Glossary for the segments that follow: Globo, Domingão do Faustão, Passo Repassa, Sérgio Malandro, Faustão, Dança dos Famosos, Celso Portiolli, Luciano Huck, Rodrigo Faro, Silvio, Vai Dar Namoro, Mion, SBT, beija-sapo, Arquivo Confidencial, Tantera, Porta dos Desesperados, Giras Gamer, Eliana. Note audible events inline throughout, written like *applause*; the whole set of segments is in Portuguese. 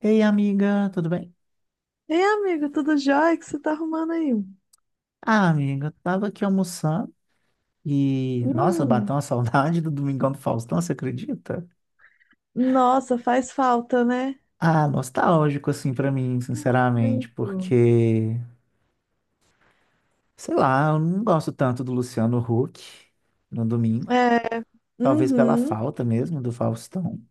Ei, amiga, tudo bem? Ei, amigo, tudo jóia? O que você tá arrumando aí? Ah, amiga, eu tava aqui almoçando e, nossa, Hum, bateu uma *laughs* saudade do Domingão do Faustão, você acredita? nossa, faz falta, né? Ah, nostálgico, assim, pra mim, sinceramente, Muito. porque, sei lá, eu não gosto tanto do Luciano Huck no domingo, É, talvez pela uhum, falta mesmo do Faustão,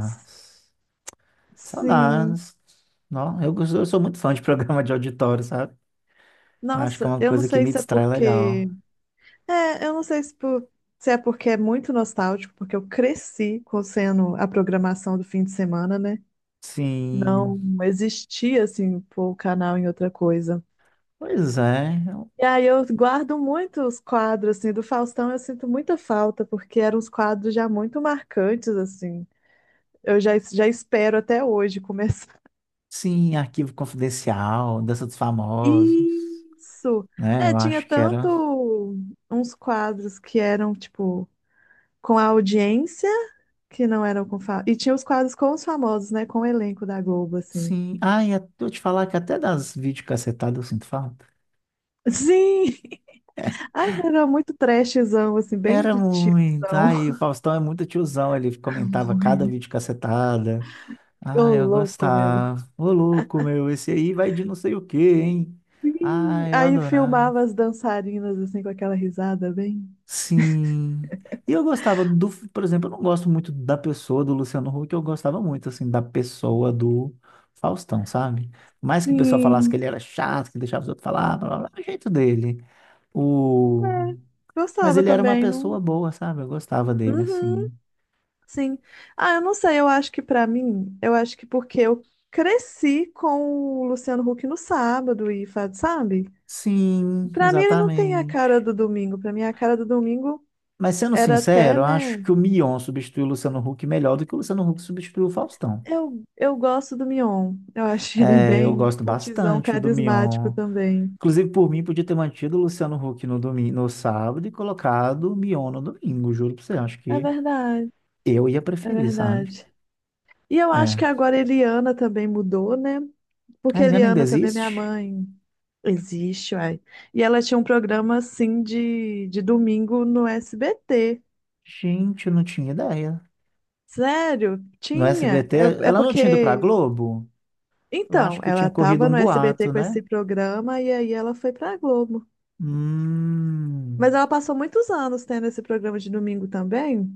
s- sim. saudades. Não, eu sou muito fã de *laughs* programa de auditório, sabe? Acho que é Nossa, uma eu não coisa que sei me se é distrai legal. porque. É, eu não sei se se é porque é muito nostálgico, porque eu cresci com sendo a programação do fim de semana, né? Sim, Não existia, assim, pôr o canal em outra coisa. pois é. E aí eu guardo muito os quadros, assim, do Faustão eu sinto muita falta, porque eram uns quadros já muito marcantes, assim. Eu já espero até hoje *laughs* começar. Sim, Arquivo Confidencial, Dança dos Famosos, Isso! né? É, Eu tinha acho que era. tanto uns quadros que eram, tipo, com a audiência, que não eram com... Fa... E tinha os quadros com os famosos, né, com o elenco da Globo, assim. Sim. Ai, eu vou te falar que até das videocassetadas eu sinto falta. Sim! *laughs* Ai, era muito trashzão, assim, bem Era de tiozão. muito. Ai, o Faustão é muito tiozão, ele comentava cada *laughs* videocassetada. Ô, Ai, eu louco, meu. gostava. Ô, louco, meu, esse aí vai de não sei o quê, hein? Sim. Ai, eu Aí adorava. filmava as dançarinas assim com aquela risada bem. Sim. E eu gostava do, por exemplo, eu não gosto muito da pessoa do Luciano Huck, eu gostava muito, assim, da pessoa do Faustão, sabe? Mais que o pessoal falasse que Sim. ele era chato, que deixava os outros falar, blá, blá, blá, o jeito dele. O... É, Mas gostava ele era uma também, pessoa não. boa, sabe? Eu gostava dele, Uhum, assim. sim. Ah, eu não sei, eu acho que pra mim, eu acho que porque eu cresci com o Luciano Huck no sábado e faz, sabe? Sim, Pra mim ele não tem a exatamente. cara do domingo, pra mim a cara do domingo Mas sendo era até, sincero, eu né? acho que o Mion substituiu o Luciano Huck melhor do que o Luciano Huck substituiu o Faustão. Eu gosto do Mion. Eu acho ele É, eu bem gosto mutizão, bastante do carismático Mion. também. Inclusive, por mim, podia ter mantido o Luciano Huck no domingo, no sábado e colocado o Mion no domingo, juro pra você. Acho É que verdade, eu ia é preferir, sabe? verdade. E eu acho É. que agora a Eliana também mudou, né? Porque A a Eliana ainda Eliana também, é minha existe? mãe, existe, uai. E ela tinha um programa, assim, de domingo no SBT. Gente, eu não tinha ideia. Sério? No Tinha? SBT, É, é ela não tinha ido pra porque... Globo? Eu Então, acho que ela tinha corrido tava um no SBT boato, com né? esse programa e aí ela foi pra Globo. Hum, Mas ela passou muitos anos tendo esse programa de domingo também.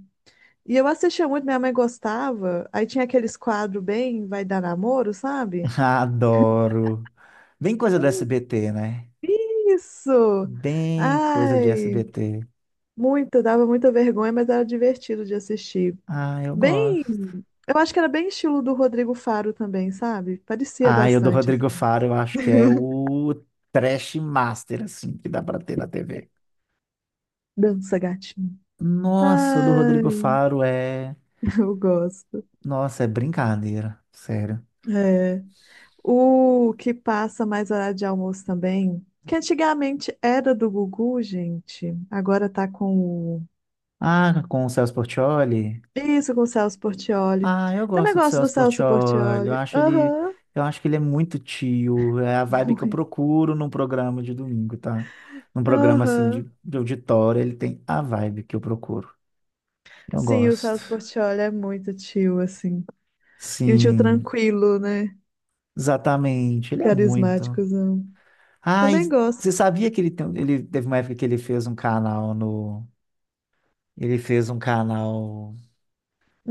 E eu assistia muito, minha mãe gostava. Aí tinha aqueles quadros bem Vai Dar Namoro, sabe? *laughs* adoro. Bem coisa do SBT, né? Isso! Bem coisa de Ai, SBT. muito, dava muita vergonha, mas era divertido de assistir. Ah, eu Bem, gosto. eu acho que era bem estilo do Rodrigo Faro também, sabe? Parecia Ah, eu do bastante, Rodrigo assim. Faro, eu acho que é o trash master, assim, que dá pra ter na TV. Dança gatinho. Nossa, o do Rodrigo Ai, Faro é. *laughs* eu gosto. Nossa, é brincadeira, sério. É. O que passa mais horário de almoço também, que antigamente era do Gugu, gente, agora tá com o... Ah, com o Celso Portiolli? Isso, com o Celso Portiolli. Ah, eu Também gosto do gosto do Celso Celso Portiolli. Eu Portiolli. acho ele. Aham, Eu acho que ele é muito tio. É a *laughs* vibe que eu muito. procuro num programa de domingo, tá? Num programa assim Aham. de auditório, ele tem a vibe que eu procuro. Eu Sim, o gosto. Celso Portiolli é muito tio, assim. E um tio Sim, tranquilo, né? exatamente. Ele é muito. Carismáticozão. Ai, Também gosto. você sabia que ele teve uma época que ele fez um canal no, ele fez um canal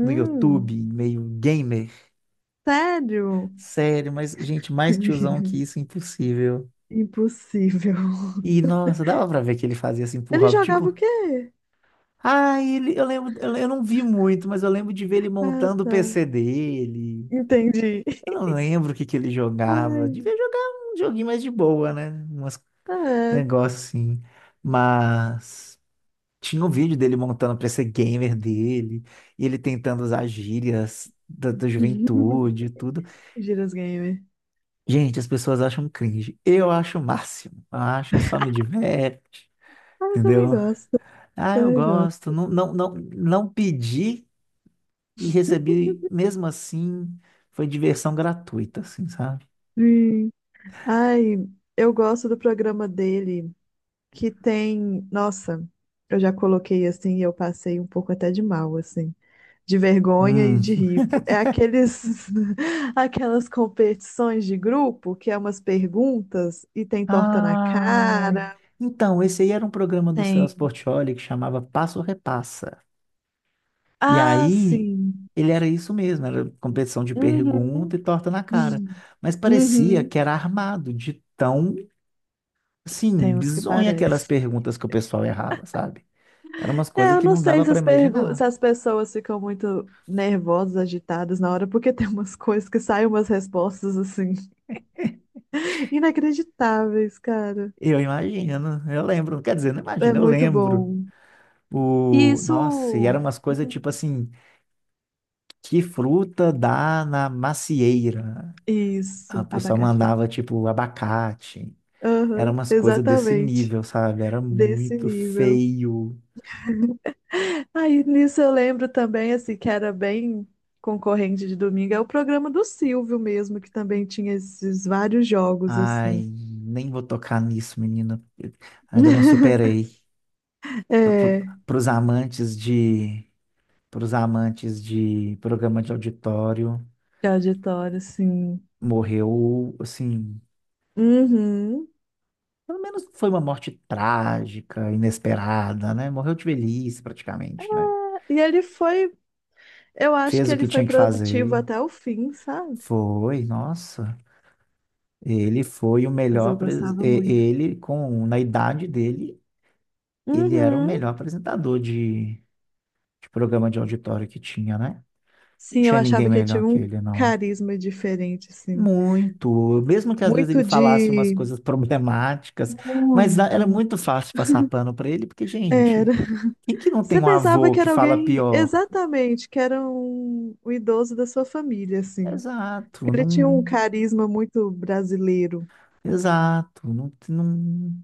no YouTube, meio gamer. sério? Sério, mas gente, mais tiozão que *laughs* isso, impossível. Impossível. E nossa, dava pra ver que ele fazia assim pro Ele hobby, jogava o tipo, quê? ai, ele, eu lembro, eu não vi muito, mas eu lembro de ver ele Ah, montando o tá. PC dele. Entendi. Eu não lembro o que que ele jogava. Devia Ai, jogar um joguinho mais de boa, né? Umas ah, é. negócio assim. Mas tinha um vídeo dele montando pra ser gamer dele, e ele tentando usar gírias da juventude e tudo. Giras Gamer. Gente, as pessoas acham cringe. Eu acho o máximo. Eu acho que só me diverte, Ah, eu também entendeu? gosto. Ah, eu Também gosto. gosto. Não, não, não, não pedi e recebi, mesmo assim, foi diversão gratuita, assim, sabe? Sim. Ai, eu gosto do programa dele, que tem. Nossa, eu já coloquei assim e eu passei um pouco até de mal, assim. De vergonha e de Hum. ripo. É aqueles, *laughs* aquelas competições de grupo que é umas perguntas e tem torta na Ai. cara, Então, esse aí era um programa do Celso tem. Portiolli que chamava Passo Repassa. E Ah, aí, sim. ele era isso mesmo, era competição de Uhum. pergunta e torta na cara. Hum. Mas parecia Uhum. que era armado, de tão, assim, Tem uns que bizonha aquelas parecem. perguntas que o pessoal errava, sabe? Eram umas É, coisas eu que não não sei dava se para as, pergu- se imaginar. as pessoas ficam muito nervosas, agitadas na hora, porque tem umas coisas que saem umas respostas assim, *laughs* inacreditáveis, cara. Eu imagino, eu lembro. Quer dizer, não É imagino, eu muito lembro. bom. E Nossa, e isso. eram umas coisas tipo Hum. assim, que fruta dá na macieira? A Isso, pessoa abacaxi. mandava, tipo, abacate. Eram Aham, umas coisas desse exatamente. nível, sabe? Era Desse muito nível. feio. Aí nisso eu lembro também, assim, que era bem concorrente de domingo, é o programa do Silvio mesmo, que também tinha esses vários jogos, Ai, assim. nem vou tocar nisso, menina. Eu ainda não *laughs* superei. É, Para os amantes de, para os amantes de programa de auditório, de auditório, assim. morreu assim. Uhum. Pelo menos foi uma morte trágica, inesperada, né? Morreu de velhice, praticamente, né? E ele foi, eu acho que Fez o ele que foi tinha que produtivo fazer. até o fim, sabe? Foi, nossa. Ele foi o Mas melhor. eu gostava muito. Ele, com na idade dele, ele era o Uhum. melhor apresentador de programa de auditório que tinha, né? Sim, Não eu tinha ninguém achava que ele melhor tinha que um ele, não. carisma diferente, assim. Muito. Mesmo que às vezes ele Muito falasse umas de. coisas *laughs* problemáticas, mas Muito. era muito fácil passar pano pra ele, porque, gente, Era. quem que não Você tem um pensava avô que que era fala alguém, pior? exatamente, que era um idoso da sua família, assim. Exato, Ele tinha um não. carisma muito brasileiro. Exato, não, não.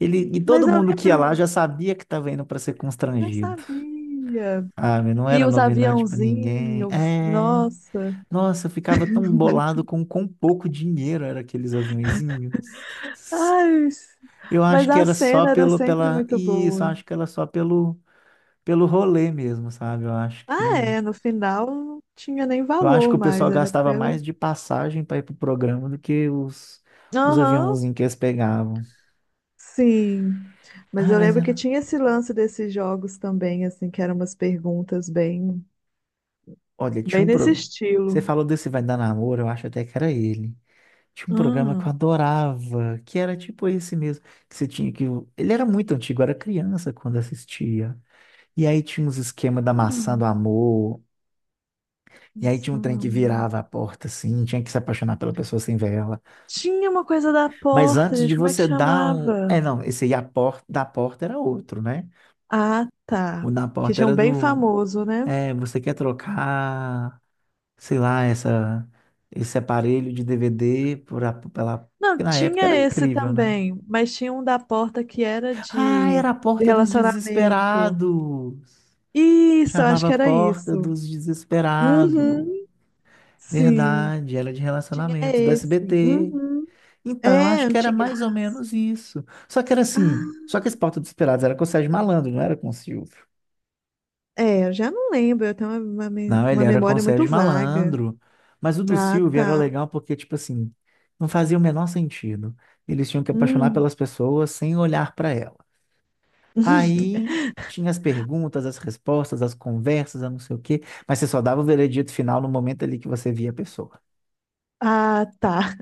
E Mas todo eu mundo que ia lá já lembro, sabia que estava indo para ser já constrangido. sabia. Sabe? Não E era os novidade para ninguém. aviãozinhos, É, nossa. nossa, eu ficava tão bolado com quão pouco dinheiro era aqueles aviõezinhos. Ai, Eu mas acho que a era só cena era pelo, sempre pela, muito isso, eu boa. acho que era só pelo, pelo rolê mesmo, sabe? Ah, é, no final não tinha nem Eu acho valor que o mais, pessoal era gastava pelo. mais de passagem para ir pro programa do que os Aham, aviãozinhos que eles pegavam. sim. Mas Ah, eu mas lembro que era, tinha esse lance desses jogos também, assim, que eram umas perguntas bem. olha, tinha Bem um nesse programa, você estilo. falou desse Vai Dar Namoro, eu acho até que era ele. Tinha um programa que eu Hum. adorava, que era tipo esse mesmo, que você tinha que, ele era muito antigo, eu era criança quando assistia. E aí tinha uns esquemas da maçã Hum. do amor, e aí tinha Isso um trem que não. virava a porta, assim, tinha que se apaixonar pela pessoa sem ver ela. Tinha uma coisa da Mas porta, antes de gente. Como é que você dar o... É, chamava? não, esse aí a porta da porta era outro, né? Ah, O tá. da Que porta tinha um era bem do... famoso, né? É, você quer trocar, sei lá, esse aparelho de DVD por a... pela... Não, Porque na época tinha era esse incrível, né? também, mas tinha um da porta que era Ah, era a de porta dos relacionamento. desesperados! Isso, eu acho Chamava que era Porta isso. dos Desesperados. Uhum, sim. Verdade, era de Tinha relacionamento, do esse. SBT. Uhum. Então, eu É, acho que era antiga. mais ou menos isso. Só que era Ah, assim, só que esse Porta dos Esperados era com o Sérgio Malandro, não era com o Silvio. é, eu já não lembro, eu tenho uma Não, ele uma era com o memória muito Sérgio vaga. Malandro. Mas o do Ah, Silvio era tá. legal porque, tipo assim, não fazia o menor sentido. Eles tinham que apaixonar Hum. pelas pessoas sem olhar para ela. *laughs* Aí tinha as perguntas, as respostas, as conversas, a não sei o quê, mas você só dava o veredito final no momento ali que você via a pessoa. Ah, tá.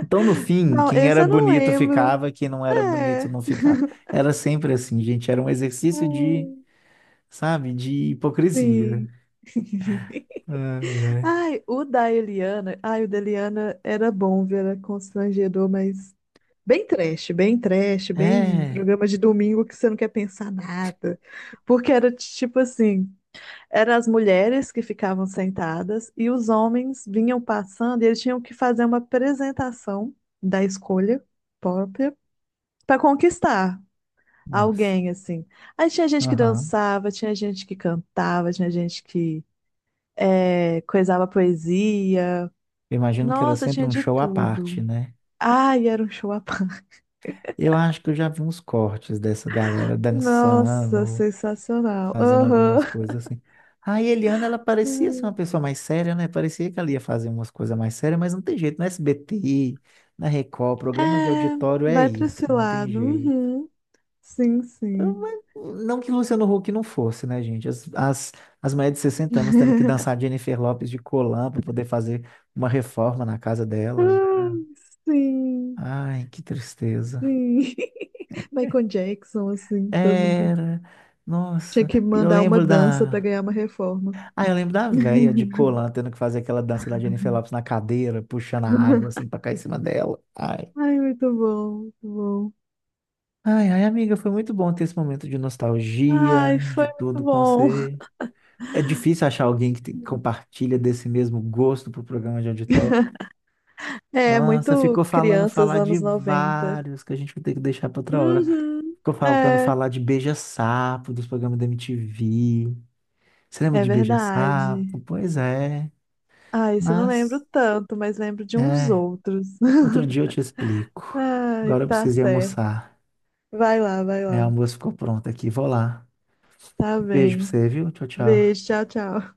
Então, no fim, Não, quem esse era eu não bonito lembro. ficava, quem não era bonito É. não ficava. Era sempre assim, gente. Era um exercício de, Hum, sabe, de hipocrisia. sim. *laughs* Ai, ai. Ai, o da Eliana. Ai, o da Eliana era bom, viu? Era constrangedor, mas bem trash, bem trash, bem É, programa de domingo que você não quer pensar nada. Porque era tipo assim: eram as mulheres que ficavam sentadas e os homens vinham passando e eles tinham que fazer uma apresentação da escolha própria para conquistar. nossa. Alguém, assim. Aí tinha gente que Aham. dançava, tinha gente que cantava, tinha gente que coisava poesia. Eu imagino que era Nossa, sempre tinha um de show à parte, tudo. né? Ai, era um show à parte. Eu acho que eu já vi uns cortes dessa galera Nossa, dançando, sensacional. fazendo Aham. algumas coisas assim. A Eliana, ela parecia ser uma pessoa mais séria, né? Parecia que ela ia fazer umas coisas mais sérias, mas não tem jeito. No SBT, na Record, programa de É, auditório é vai pra esse isso, não tem lado. jeito. Uhum. Sim, sim. Não que o Luciano Huck não fosse, né, gente? As mulheres de 60 anos tendo que dançar Jennifer Lopes de colã para poder fazer uma reforma na casa delas, Ai, né? sim, Ai, que tristeza. sim. *laughs* Michael Jackson, assim, todo mundo. Era. Tinha Nossa, que eu mandar uma lembro dança pra da. ganhar uma reforma. Ah, eu lembro da véia de *laughs* colã tendo que fazer aquela dança da Jennifer Lopes na cadeira, puxando a água assim pra cair em cima dela. Ai. Ai, muito bom, muito bom. Ai, ai, amiga, foi muito bom ter esse momento de nostalgia, Ai, de foi muito tudo com bom. você. É difícil achar alguém que compartilha desse mesmo gosto pro programa de auditório. É, Nossa, muito ficou falando crianças falar de anos noventa. vários que a gente vai ter que deixar para outra hora. Uhum, Ficou faltando é, falar de beija-sapo, dos programas da MTV. Você lembra é de beija-sapo? verdade. Pois é. Ai, isso eu não lembro Mas, tanto, mas lembro de uns é, outros. *laughs* outro dia eu te explico. Ai, Agora eu tá preciso ir certo. almoçar. Vai lá, vai É, o lá. almoço ficou pronto aqui. Vou lá. Tá Beijo pra bem. você, viu? Tchau, tchau. Beijo, tchau, tchau.